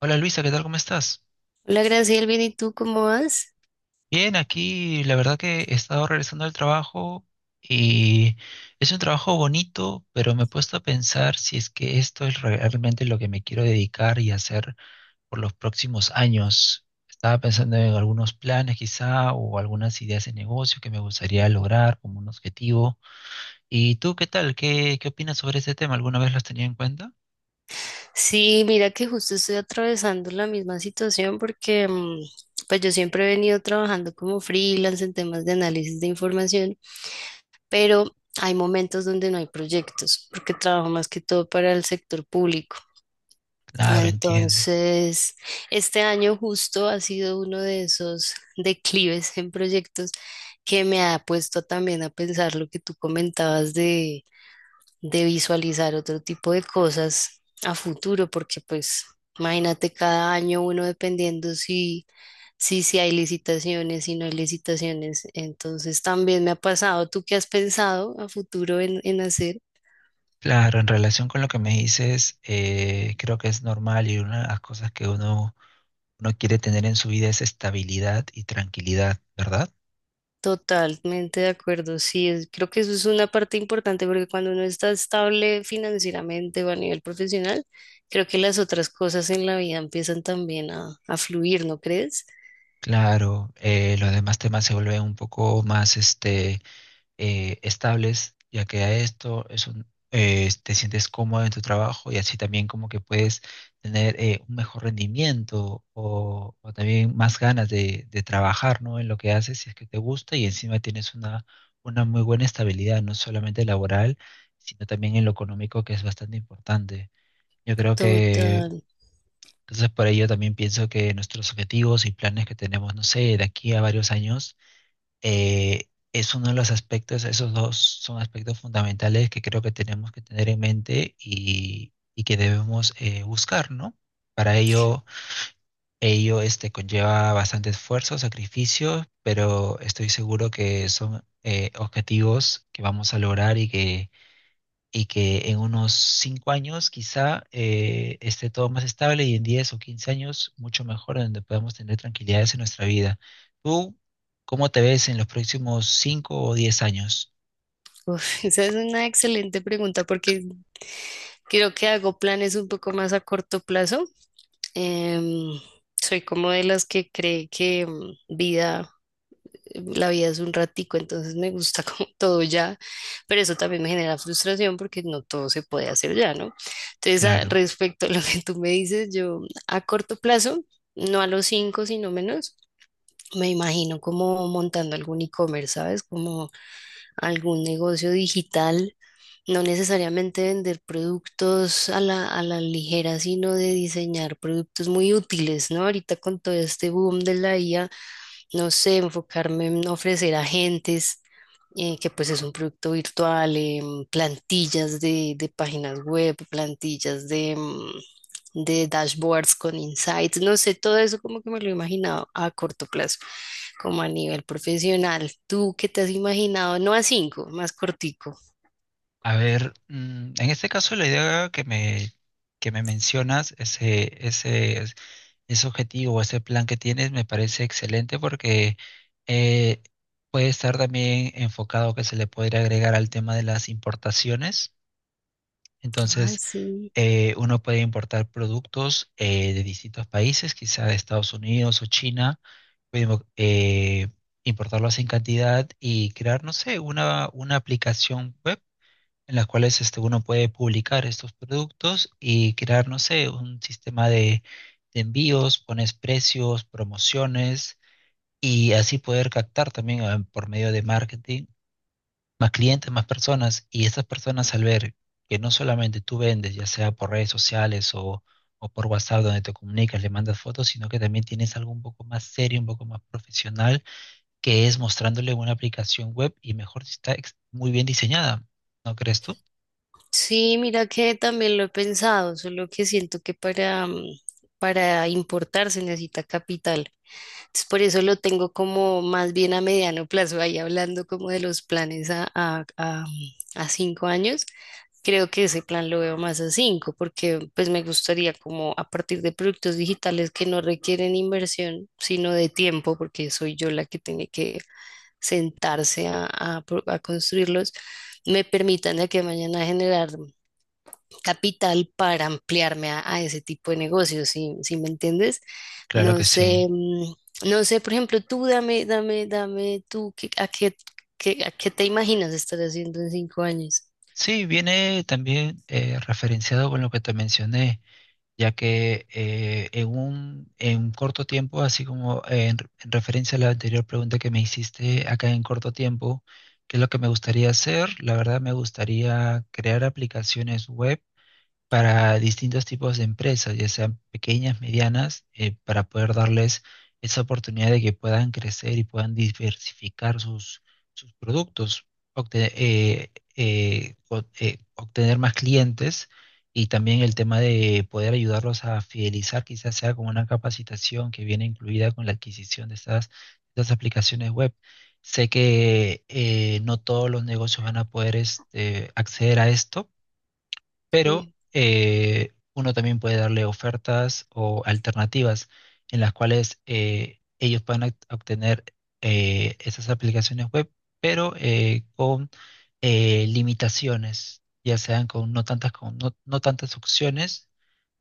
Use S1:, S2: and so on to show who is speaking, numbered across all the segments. S1: Hola Luisa, ¿qué tal? ¿Cómo estás?
S2: Hola, Graciela, bien, ¿y tú cómo vas?
S1: Bien, aquí la verdad que he estado regresando al trabajo y es un trabajo bonito, pero me he puesto a pensar si es que esto es realmente lo que me quiero dedicar y hacer por los próximos años. Estaba pensando en algunos planes quizá o algunas ideas de negocio que me gustaría lograr como un objetivo. ¿Y tú qué tal? ¿Qué opinas sobre ese tema? ¿Alguna vez lo has tenido en cuenta?
S2: Sí, mira que justo estoy atravesando la misma situación porque pues yo siempre he venido trabajando como freelance en temas de análisis de información, pero hay momentos donde no hay proyectos porque trabajo más que todo para el sector público.
S1: Claro, entiendo.
S2: Entonces, este año justo ha sido uno de esos declives en proyectos que me ha puesto también a pensar lo que tú comentabas de visualizar otro tipo de cosas a futuro, porque pues imagínate cada año uno dependiendo si hay licitaciones, si no hay licitaciones. Entonces también me ha pasado, ¿tú qué has pensado a futuro en hacer?
S1: Claro, en relación con lo que me dices, creo que es normal y una de las cosas que uno quiere tener en su vida es estabilidad y tranquilidad, ¿verdad?
S2: Totalmente de acuerdo, sí, creo que eso es una parte importante porque cuando uno está estable financieramente o a nivel profesional, creo que las otras cosas en la vida empiezan también a fluir, ¿no crees?
S1: Claro, los demás temas se vuelven un poco más estables, ya que a esto es un, te sientes cómodo en tu trabajo y así también como que puedes tener un mejor rendimiento o también más ganas de trabajar, ¿no? En lo que haces, si es que te gusta y encima tienes una muy buena estabilidad, no solamente laboral, sino también en lo económico, que es bastante importante. Yo creo que...
S2: Total.
S1: Entonces, por ello también pienso que nuestros objetivos y planes que tenemos, no sé, de aquí a varios años, es uno de los aspectos, esos dos son aspectos fundamentales que creo que tenemos que tener en mente y que debemos buscar, ¿no? Para ello conlleva bastante esfuerzo, sacrificio, pero estoy seguro que son objetivos que vamos a lograr y que en unos 5 años quizá esté todo más estable y en 10 o 15 años mucho mejor, donde podamos tener tranquilidades en nuestra vida. ¿Tú cómo te ves en los próximos cinco o diez años?
S2: Uf, esa es una excelente pregunta porque creo que hago planes un poco más a corto plazo. Em, soy como de las que cree que la vida es un ratico, entonces me gusta como todo ya, pero eso también me genera frustración porque no todo se puede hacer ya, ¿no? Entonces,
S1: Claro.
S2: respecto a lo que tú me dices, yo a corto plazo, no a los 5, sino menos. Me imagino como montando algún e-commerce, ¿sabes? Como algún negocio digital no necesariamente vender productos a la ligera, sino de diseñar productos muy útiles, ¿no? Ahorita con todo este boom de la IA, no sé, enfocarme en ofrecer agentes, que pues es un producto virtual, plantillas de páginas web, plantillas de dashboards con insights, no sé, todo eso como que me lo imaginaba a corto plazo, como a nivel profesional. ¿Tú qué te has imaginado? No a cinco, más cortico.
S1: A ver, en este caso la idea que me mencionas, ese objetivo, ese plan que tienes, me parece excelente porque eh, puede estar también enfocado que se le podría agregar al tema de las importaciones.
S2: Ay,
S1: Entonces,
S2: sí.
S1: uno puede importar productos de distintos países, quizá de Estados Unidos o China, puede mo- eh, importarlos en cantidad y crear, no sé, una aplicación web en las cuales este, uno puede publicar estos productos y crear, no sé, un sistema de envíos, pones precios, promociones y así poder captar también por medio de marketing más clientes, más personas, y estas personas al ver que no solamente tú vendes, ya sea por redes sociales o por WhatsApp donde te comunicas, le mandas fotos, sino que también tienes algo un poco más serio, un poco más profesional, que es mostrándole una aplicación web y mejor si muy bien diseñada, ¿no crees tú?
S2: Sí, mira que también lo he pensado, solo que siento que para importar se necesita capital. Entonces, por eso lo tengo como más bien a mediano plazo, ahí hablando como de los planes a 5 años. Creo que ese plan lo veo más a 5, porque pues me gustaría como a partir de productos digitales que no requieren inversión, sino de tiempo, porque soy yo la que tiene que sentarse a construirlos, me permitan de aquí a mañana generar capital para ampliarme a ese tipo de negocios, sí, sí me entiendes.
S1: Claro
S2: No
S1: que sí.
S2: sé, no sé, por ejemplo, tú dame, dame, dame, tú, ¿a qué te imaginas estar haciendo en 5 años?
S1: Sí, viene también referenciado con lo que te mencioné ya que en un corto tiempo, así como en referencia a la anterior pregunta que me hiciste, acá en corto tiempo, ¿qué es lo que me gustaría hacer? La verdad me gustaría crear aplicaciones web para distintos tipos de empresas, ya sean pequeñas, medianas, para poder darles esa oportunidad de que puedan crecer y puedan diversificar sus productos, obtener más clientes y también el tema de poder ayudarlos a fidelizar, quizás sea con una capacitación que viene incluida con la adquisición de estas aplicaciones web. Sé que no todos los negocios van a poder este, acceder a esto pero
S2: Sí,
S1: uno también puede darle ofertas o alternativas en las cuales ellos puedan obtener esas aplicaciones web, pero con limitaciones, ya sean con no tantas, con no tantas opciones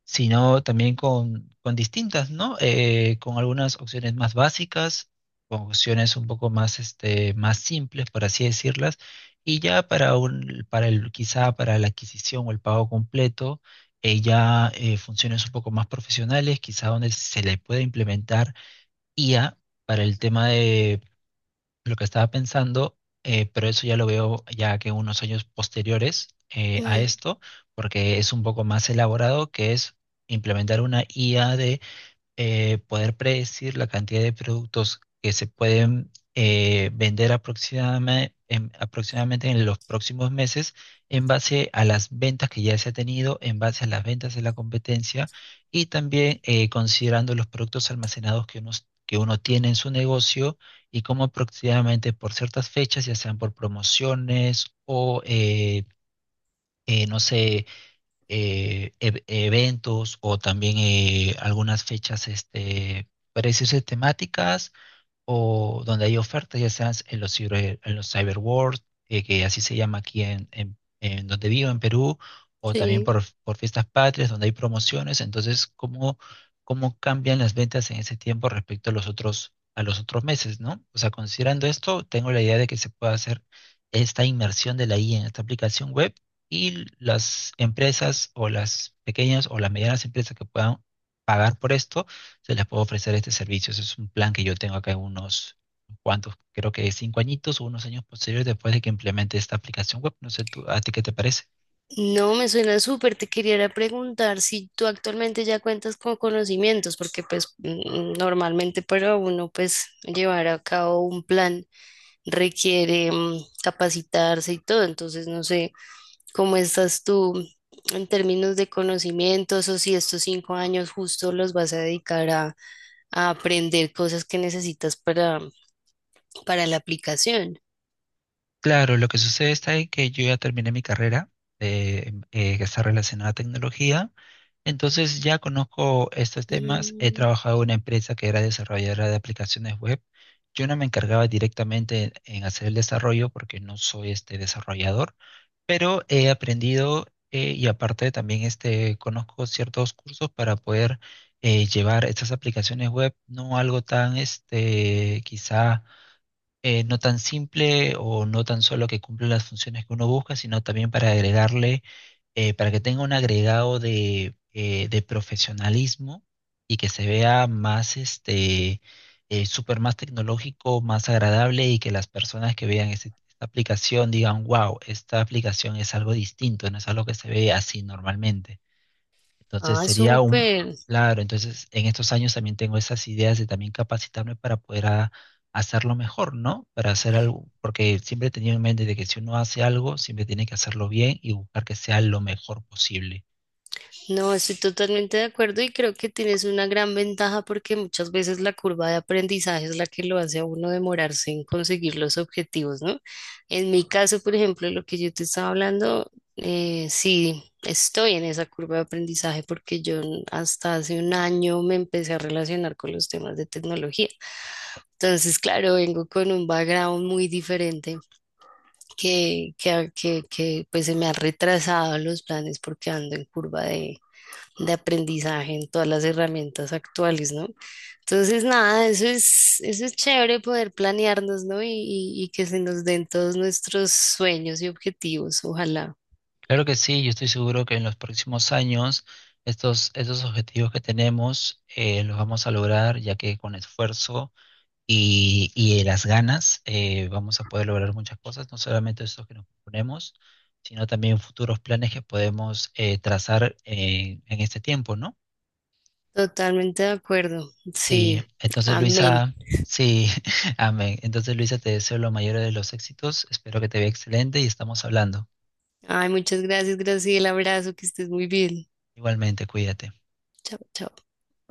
S1: sino también con distintas, ¿no? Con algunas opciones más básicas, con opciones un poco más, este, más simples, por así decirlas, y ya para quizá para la adquisición o el pago completo, ya funciones un poco más profesionales, quizá donde se le pueda implementar IA para el tema lo que estaba pensando, pero eso ya lo veo ya que unos años posteriores a
S2: mm,
S1: esto, porque es un poco más elaborado, que es implementar una IA de poder predecir la cantidad de productos que se pueden vender aproximadamente aproximadamente en los próximos meses en base a las ventas que ya se ha tenido, en base a las ventas de la competencia y también considerando los productos almacenados que uno tiene en su negocio y cómo aproximadamente por ciertas fechas, ya sean por promociones o no sé, eventos o también algunas fechas, este, para decirse, temáticas o donde hay ofertas, ya sean en en los cyber world, que así se llama aquí en donde vivo, en Perú, o también
S2: sí.
S1: por fiestas patrias, donde hay promociones. Entonces, ¿cómo cambian las ventas en ese tiempo respecto a los otros meses, ¿no? O sea, considerando esto, tengo la idea de que se pueda hacer esta inmersión de la IA en esta aplicación web y las empresas o las pequeñas o las medianas empresas que puedan pagar por esto se les puede ofrecer este servicio. Ese es un plan que yo tengo acá en unos cuantos, creo que cinco añitos o unos años posteriores después de que implemente esta aplicación web. No sé, tú, ¿a ti qué te parece?
S2: No, me suena súper. Te quería era preguntar si tú actualmente ya cuentas con conocimientos, porque pues normalmente para uno pues llevar a cabo un plan requiere capacitarse y todo. Entonces, no sé. ¿Cómo estás tú en términos de conocimientos o si estos 5 años justo los vas a dedicar a aprender cosas que necesitas para la aplicación?
S1: Claro, lo que sucede está en que yo ya terminé mi carrera que está relacionada a tecnología. Entonces ya conozco estos temas. He
S2: Mm,
S1: trabajado en una empresa que era desarrolladora de aplicaciones web. Yo no me encargaba directamente en hacer el desarrollo porque no soy este desarrollador pero he aprendido y aparte también este, conozco ciertos cursos para poder llevar estas aplicaciones web, no algo tan este, quizá no tan simple o no tan solo que cumpla las funciones que uno busca, sino también para agregarle, para que tenga un agregado de profesionalismo y que se vea más, súper más tecnológico, más agradable y que las personas que vean esta aplicación digan, wow, esta aplicación es algo distinto, no es algo que se ve así normalmente. Entonces
S2: ah,
S1: sería un,
S2: súper.
S1: claro, entonces en estos años también tengo esas ideas de también capacitarme para poder hacerlo mejor, ¿no? Para hacer algo, porque siempre he tenido en mente de que si uno hace algo, siempre tiene que hacerlo bien y buscar que sea lo mejor posible.
S2: No, estoy totalmente de acuerdo y creo que tienes una gran ventaja porque muchas veces la curva de aprendizaje es la que lo hace a uno demorarse en conseguir los objetivos, ¿no? En mi caso, por ejemplo, lo que yo te estaba hablando, sí, estoy en esa curva de aprendizaje porque yo hasta hace un año me empecé a relacionar con los temas de tecnología. Entonces, claro, vengo con un background muy diferente que pues se me ha retrasado los planes porque ando en curva de aprendizaje en todas las herramientas actuales, ¿no? Entonces, nada, eso es chévere poder planearnos, ¿no? Y que se nos den todos nuestros sueños y objetivos, ojalá.
S1: Claro que sí, yo estoy seguro que en los próximos años estos objetivos que tenemos los vamos a lograr, ya que con esfuerzo y las ganas, vamos a poder lograr muchas cosas, no solamente esos que nos proponemos, sino también futuros planes que podemos trazar en este tiempo, ¿no?
S2: Totalmente de acuerdo.
S1: Sí,
S2: Sí,
S1: entonces
S2: amén.
S1: Luisa, sí, amén. Entonces Luisa, te deseo lo mayor de los éxitos, espero que te vea excelente y estamos hablando.
S2: Ay, muchas gracias, Graciela. Abrazo, que estés muy bien.
S1: Igualmente, cuídate.
S2: Chao, chao.